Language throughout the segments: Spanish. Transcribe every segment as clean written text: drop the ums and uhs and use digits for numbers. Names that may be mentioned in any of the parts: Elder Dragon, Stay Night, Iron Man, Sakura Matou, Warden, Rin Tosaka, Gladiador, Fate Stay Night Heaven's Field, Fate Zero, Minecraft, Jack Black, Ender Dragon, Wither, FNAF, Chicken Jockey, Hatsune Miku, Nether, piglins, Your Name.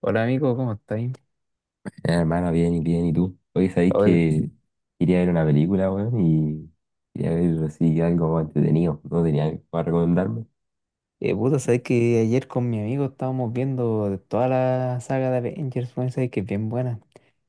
Hola amigo, ¿cómo estáis? Hermano, bien y bien, ¿y tú? Hoy sabéis Oye, que quería ver una película, weón, y quería ver así algo entretenido, no tenía algo para recomendarme. Puta, sabes que ayer con mi amigo estábamos viendo de toda la saga de Avengers, weón, sabes que es bien buena.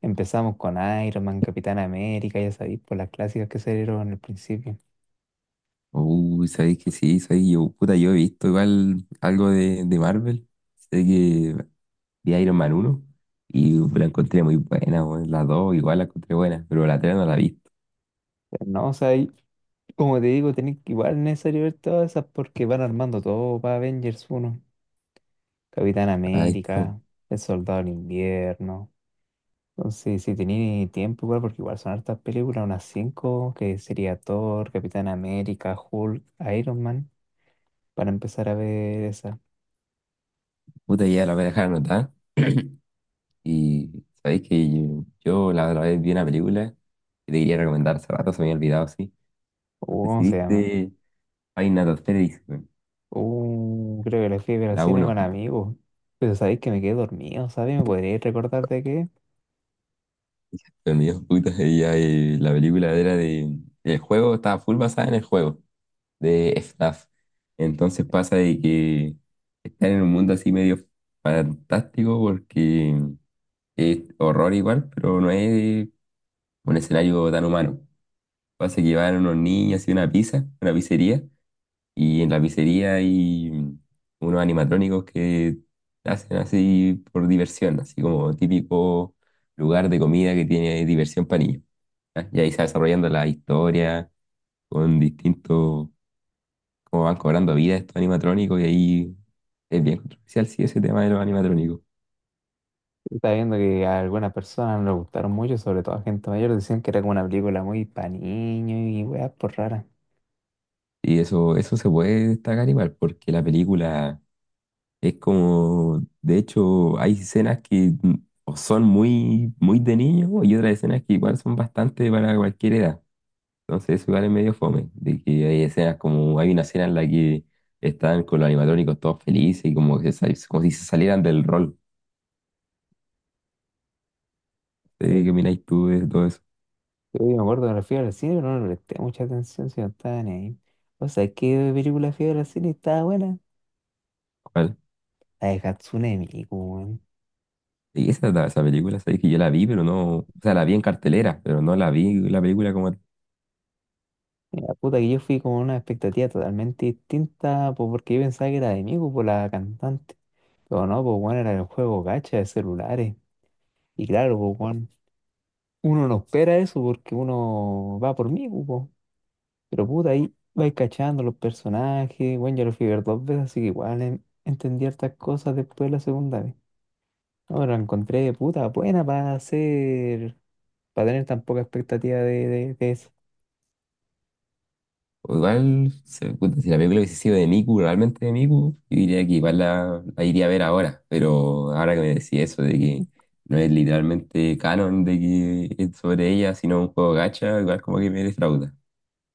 Empezamos con Iron Man, Capitán América, ya sabéis, por las clásicas que salieron al principio. Uy, sabéis que sí, soy yo, puta, yo he visto igual algo de Marvel, sé que vi Iron Man uno y la encontré muy buena, weón, la 2 igual la encontré buena, pero la 3 no la he visto. Pero no, o sea, y como te digo, tenéis que igual es necesario ver todas esas porque van armando todo para Avengers uno, Capitán Ahí está, weón. América, El Soldado del Invierno. Entonces, si tenéis tiempo igual, porque igual son hartas películas, unas 5 que sería Thor, Capitán América, Hulk, Iron Man, para empezar a ver esa. Puta, ya la voy a dejar anotada y sabéis que yo la otra vez vi una película que te quería recomendar hace rato, se me había olvidado, sí. No sé si ¿Cómo se llama? viste Hay Nat Asterix, güey. Creo que la fui a ver al La cine uno con amigos. Pero sabéis que me quedé dormido, ¿sabéis? ¿Me podríais recordar de qué? los mis putas, y la película era de. El juego estaba full basada en el juego de FNAF. Entonces pasa de que están en un mundo así medio fantástico porque es horror igual, pero no es un escenario tan humano. Pasa que van unos niños y una una pizzería. Y en la pizzería hay unos animatrónicos que hacen así por diversión, así como típico lugar de comida que tiene diversión para niños. ¿Ya? Y ahí se va desarrollando la historia con distintos, cómo van cobrando vida estos animatrónicos y ahí es bien controversial, sí, ese tema de los animatrónicos. Estaba viendo que a algunas personas no les gustaron mucho, sobre todo a gente mayor, decían que era como una película muy pa' niños y weas por raras. Y eso se puede destacar igual porque la película es como, de hecho, hay escenas que o son muy de niño y otras escenas que igual son bastante para cualquier edad. Entonces eso igual es medio fome, de que hay escenas como, hay una escena en la que están con los animatrónicos todos felices y como, como si se salieran del rol. Sí, ¿qué opináis tú de todo eso? Yo me acuerdo que la fui a ver al cine, pero no le presté mucha atención, si no estaba ni ahí. O sea, ¿qué película fui a ver al cine y estaba buena? ¿Cuál? La de Hatsune Miku, weón. Y esa película, sabéis que yo la vi, pero no, o sea, la vi en cartelera, pero no la vi la película como. Mira, puta, que yo fui con una expectativa totalmente distinta, pues porque yo pensaba que era de mí, pues, por la cantante. Pero no, pues, bueno, era el juego gacha de celulares. Y claro, pues, bueno, uno no espera eso porque uno va por mí, pues. Po. Pero puta, ahí vais cachando los personajes. Bueno, yo lo fui a ver dos veces, así que igual entendí hartas cosas después de la segunda vez. Ahora la encontré, puta, buena para hacer, para tener tan poca expectativa de O igual, puta, si la película hubiese sido de Miku, realmente de Miku, yo diría que igual la iría a ver ahora. Pero ahora que me decís eso de que no es literalmente canon de que es sobre ella, sino un juego gacha, igual como que me defrauda.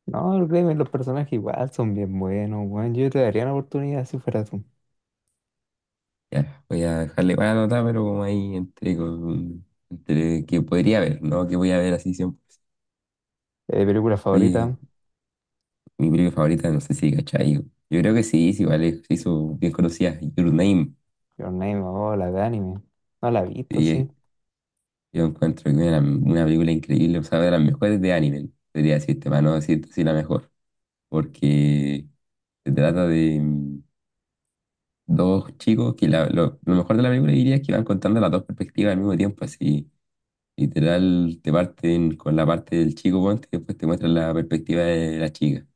No, créeme, los personajes igual son bien buenos, weón. Yo te daría una oportunidad si fuera tú. Ya, voy a dejarle para anotar, pero como ahí entre, con, entre que podría ver, ¿no? Que voy a ver así siempre. Película Oye, favorita, mi película favorita, no sé si cachai. Yo creo que sí, vale, se hizo bien conocida, Your Name. Your Name, oh, la de anime. No la he visto, sí. Sí, yo encuentro que una película increíble, o sea, de las mejores de anime, podría decirte, para no decirte si la mejor, porque se trata de dos chicos que lo mejor de la película diría es que van contando las dos perspectivas al mismo tiempo, así literal te parten con la parte del chico ponte y después te muestran la perspectiva de la chica.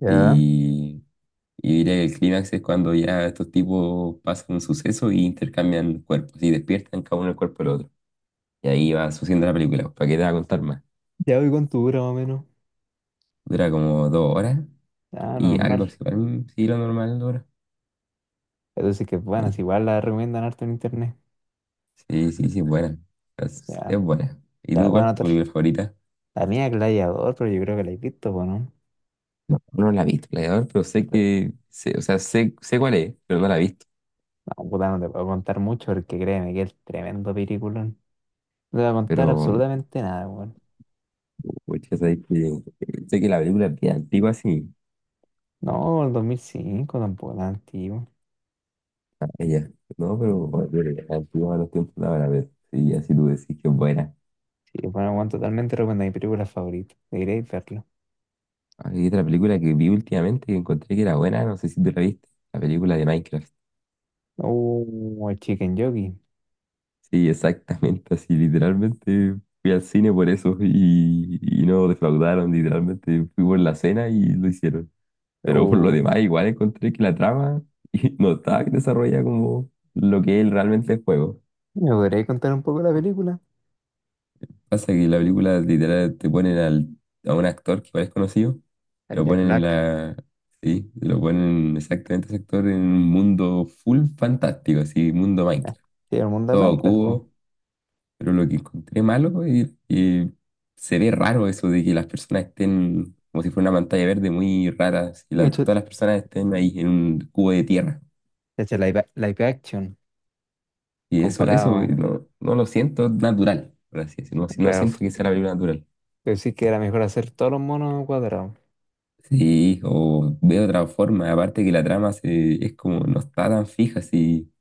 Ya. Y, y diría que el clímax es cuando ya estos tipos pasan un suceso y intercambian cuerpos y despiertan cada uno el cuerpo del otro. Y ahí va sucediendo la película, ¿para qué te va a contar más? Ya voy con tu dura más o menos. Dura como dos horas Ah, no, y algo, normal. así, para mí sí lo normal dura. Entonces que bueno, si Sí, igual la recomiendan harto en internet. sí, es buena. Es, Ya, es buena. ¿Y ya la tú voy a cuál es tu anotar. película favorita? La mía Gladiador, pero yo creo que la he visto, po, ¿no? No, no la he visto, Gladiador, pero sé Esta- que, sé, o sea, sé, sé cuál es, pero no la he visto. No, puta, no te puedo contar mucho porque créeme que es tremendo película. No te voy a contar Pero, absolutamente nada, weón. pucha, sabes que- sé que la película es bien antigua, sí, No, el 2005 tampoco tan antiguo. ah, ella, ¿no? Pero, bueno, pero es antigua a los tiempos de ahora, pero sí, así tú decís que es buena. Sí, bueno, bueno, totalmente recomendado. Mi película favorita. Deberíais verlo. Hay otra película que vi últimamente que encontré que era buena, no sé si tú la viste, la película de Minecraft. Oh, el Chicken Jockey. Sí, exactamente, así literalmente fui al cine por eso y no defraudaron, literalmente fui por la cena y lo hicieron. Pero por lo Oh, demás igual encontré que la trama no estaba desarrollada como lo que él realmente es juego. ¿me podríais contar un poco de la película? Pasa que en la película literal te ponen a un actor que igual es conocido, El lo Jack ponen en Black. la... Sí, lo ponen exactamente ese actor en un mundo full fantástico, así, mundo Ah, Minecraft. sí, el mundo de Todo Minecraft. Po. cubo. Pero lo que encontré malo es que se ve raro eso de que las personas estén como si fuera una pantalla verde muy rara, y Y todas las personas estén ahí en un cubo de tierra. Live, action. Y eso Comparado. no, no lo siento natural, por así decirlo. No, no Claro. siento que sea la película natural. Pero sí que era mejor hacer todos los monos cuadrados. Sí, o veo otra forma, aparte que es como no está tan fija, si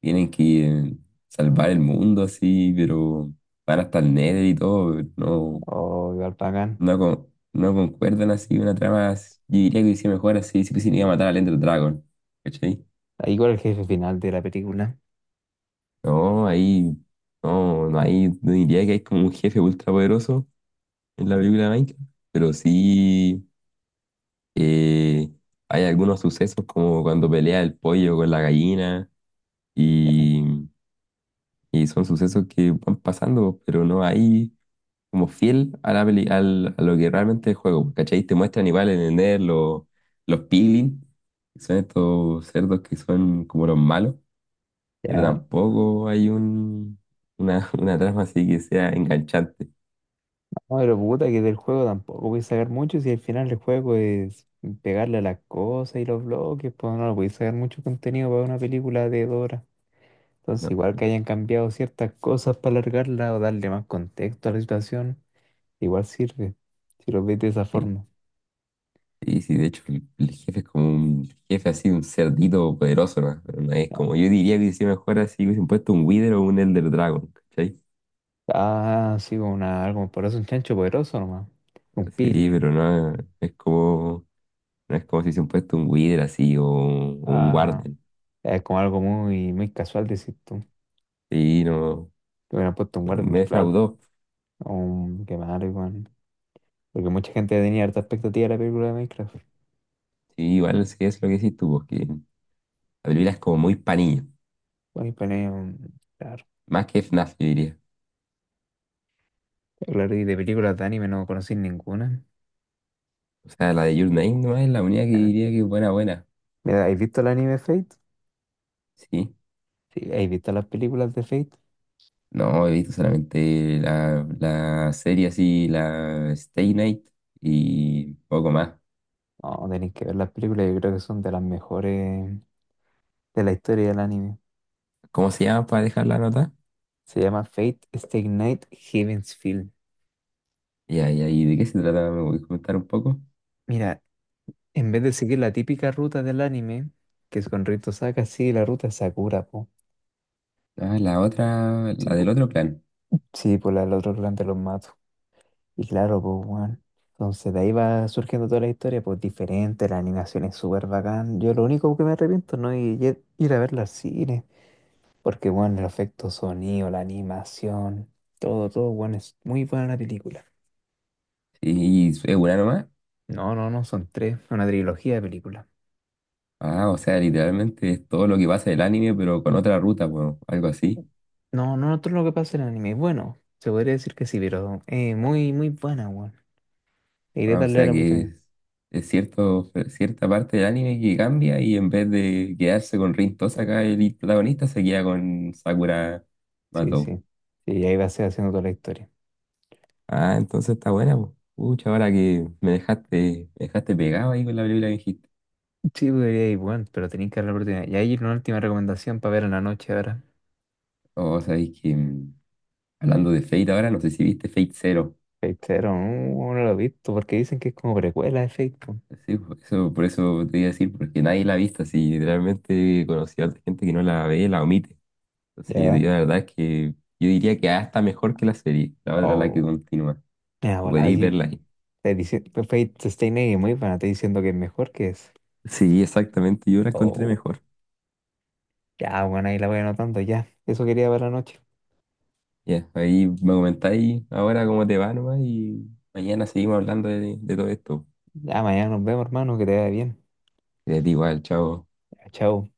tienen que salvar el mundo así, pero van hasta el Nether y todo, no. O igual pagan. No, no concuerdan así una trama. Yo diría que hice mejor así si pusiera a matar al Ender Dragon. ¿Cachai? Igual el jefe final de la película. No, ahí no, no hay, no diría que hay como un jefe ultra poderoso en la película de Minecraft, pero sí eh, hay algunos sucesos como cuando pelea el pollo con la gallina Ya. y, y son sucesos que van pasando, pero no hay como fiel a la a lo que realmente es el juego, ¿cachai? Te muestran igual en el Nether los piglins. Son estos cerdos que son como los malos, pero Ya. tampoco hay una trama así que sea enganchante. No, pero puta, que del juego tampoco voy a sacar mucho si al final el juego es pegarle a las cosas y los bloques, pues no voy a sacar mucho contenido para una película de 2 horas. Entonces, ¿No? igual que hayan cambiado ciertas cosas para alargarla o darle más contexto a la situación, igual sirve, si lo ves de esa Sí, forma. sí, sí, de hecho el jefe es como un jefe así, un cerdito poderoso, ¿no? Pero no es No. como, yo diría que si mejor así hubiesen puesto un Wither o un Elder Dragon, ¿cachai? Ah, sí, como una, algo por eso, un chancho poderoso nomás, un Sí, piglin. pero no es como, no es como si hubiesen puesto un Wither así o un Ah, Warden. es como algo muy, muy casual, decir tú. Sí, no, Que hubieran puesto un no, guardián, me claro, defraudó. o un quemar. Porque mucha gente tenía harta expectativa de la película de Minecraft. Sí, igual sí es lo que decís tú, porque la película es como muy panillo. Bueno, Claro, Más que FNAF, yo diría. claro, y de películas de anime no conocí ninguna. O sea, la de Your Name nomás es la única que Bueno, diría que es buena, buena. mira, ¿has visto el anime Fate? Sí. Sí, ¿has visto las películas de Fate? No, he visto solamente la serie así, la Stay Night y poco más. No, tenéis que ver las películas, yo creo que son de las mejores de la historia del anime. ¿Cómo se llama para dejar la nota? Se llama Fate Stay Night Heaven's Field. Ya, ya, ¿y de qué se trata? ¿Me voy a comentar un poco? Mira, en vez de seguir la típica ruta del anime, que es con Rito Saka, sigue la ruta de Sakura, po. Ah, la otra, Sí, la del po. otro plan. Sí, por la del otro clan de los Matos. Y claro, pues, weón. Entonces de ahí va surgiendo toda la historia, pues diferente, la animación es súper bacán. Yo lo único que me arrepiento no es ir a verla al cine, porque, bueno, el efecto sonido, la animación, todo, todo, bueno, es muy buena la película. Sí, es una nomás. No, no, no, son tres, una trilogía de películas. Ah, o sea, literalmente es todo lo que pasa del anime, pero con otra ruta, bueno, algo así. No, no, todo lo que pasa en el anime, bueno, se podría decir que sí, pero muy, muy buena, weón. Iré a Ah, o darle sea la que oportunidad. Es cierto, cierta parte del anime que cambia y en vez de quedarse con Rin Tosaka, el protagonista se queda con Sakura Sí, Matou. sí. Y ahí va a ser haciendo toda la historia. Ah, entonces está buena, po. Pucha, ahora que me dejaste. Me dejaste pegado ahí con la película que dijiste. Sí, podría ir, bueno, pero tenéis que dar la oportunidad. Y ahí una última recomendación para ver en la noche ahora. O sabéis que hablando de Fate ahora, no sé si viste Fate Zero. Fate Zero, no, no lo he visto porque dicen que es como precuela de Fate. Po. Sí, por eso te iba a decir, porque nadie la ha visto, así literalmente conocí a otra gente que no la ve, la omite. Entonces, Ya. yo la verdad es que yo diría que hasta mejor que la serie. La otra la que Oh. continúa. Me da volada Podéis aquí. verla ahí. Pues, Fate Stay Night es muy buena, te diciendo que es mejor que es. Sí, exactamente. Yo la encontré Oh. mejor. Ya, bueno, ahí la voy anotando ya. Eso quería ver la noche. Ya, ahí me comentáis ahora cómo te va nomás y mañana seguimos hablando de todo esto. Ya, mañana nos vemos, hermano, que te vaya bien. De ti igual, chao. Ya, chao.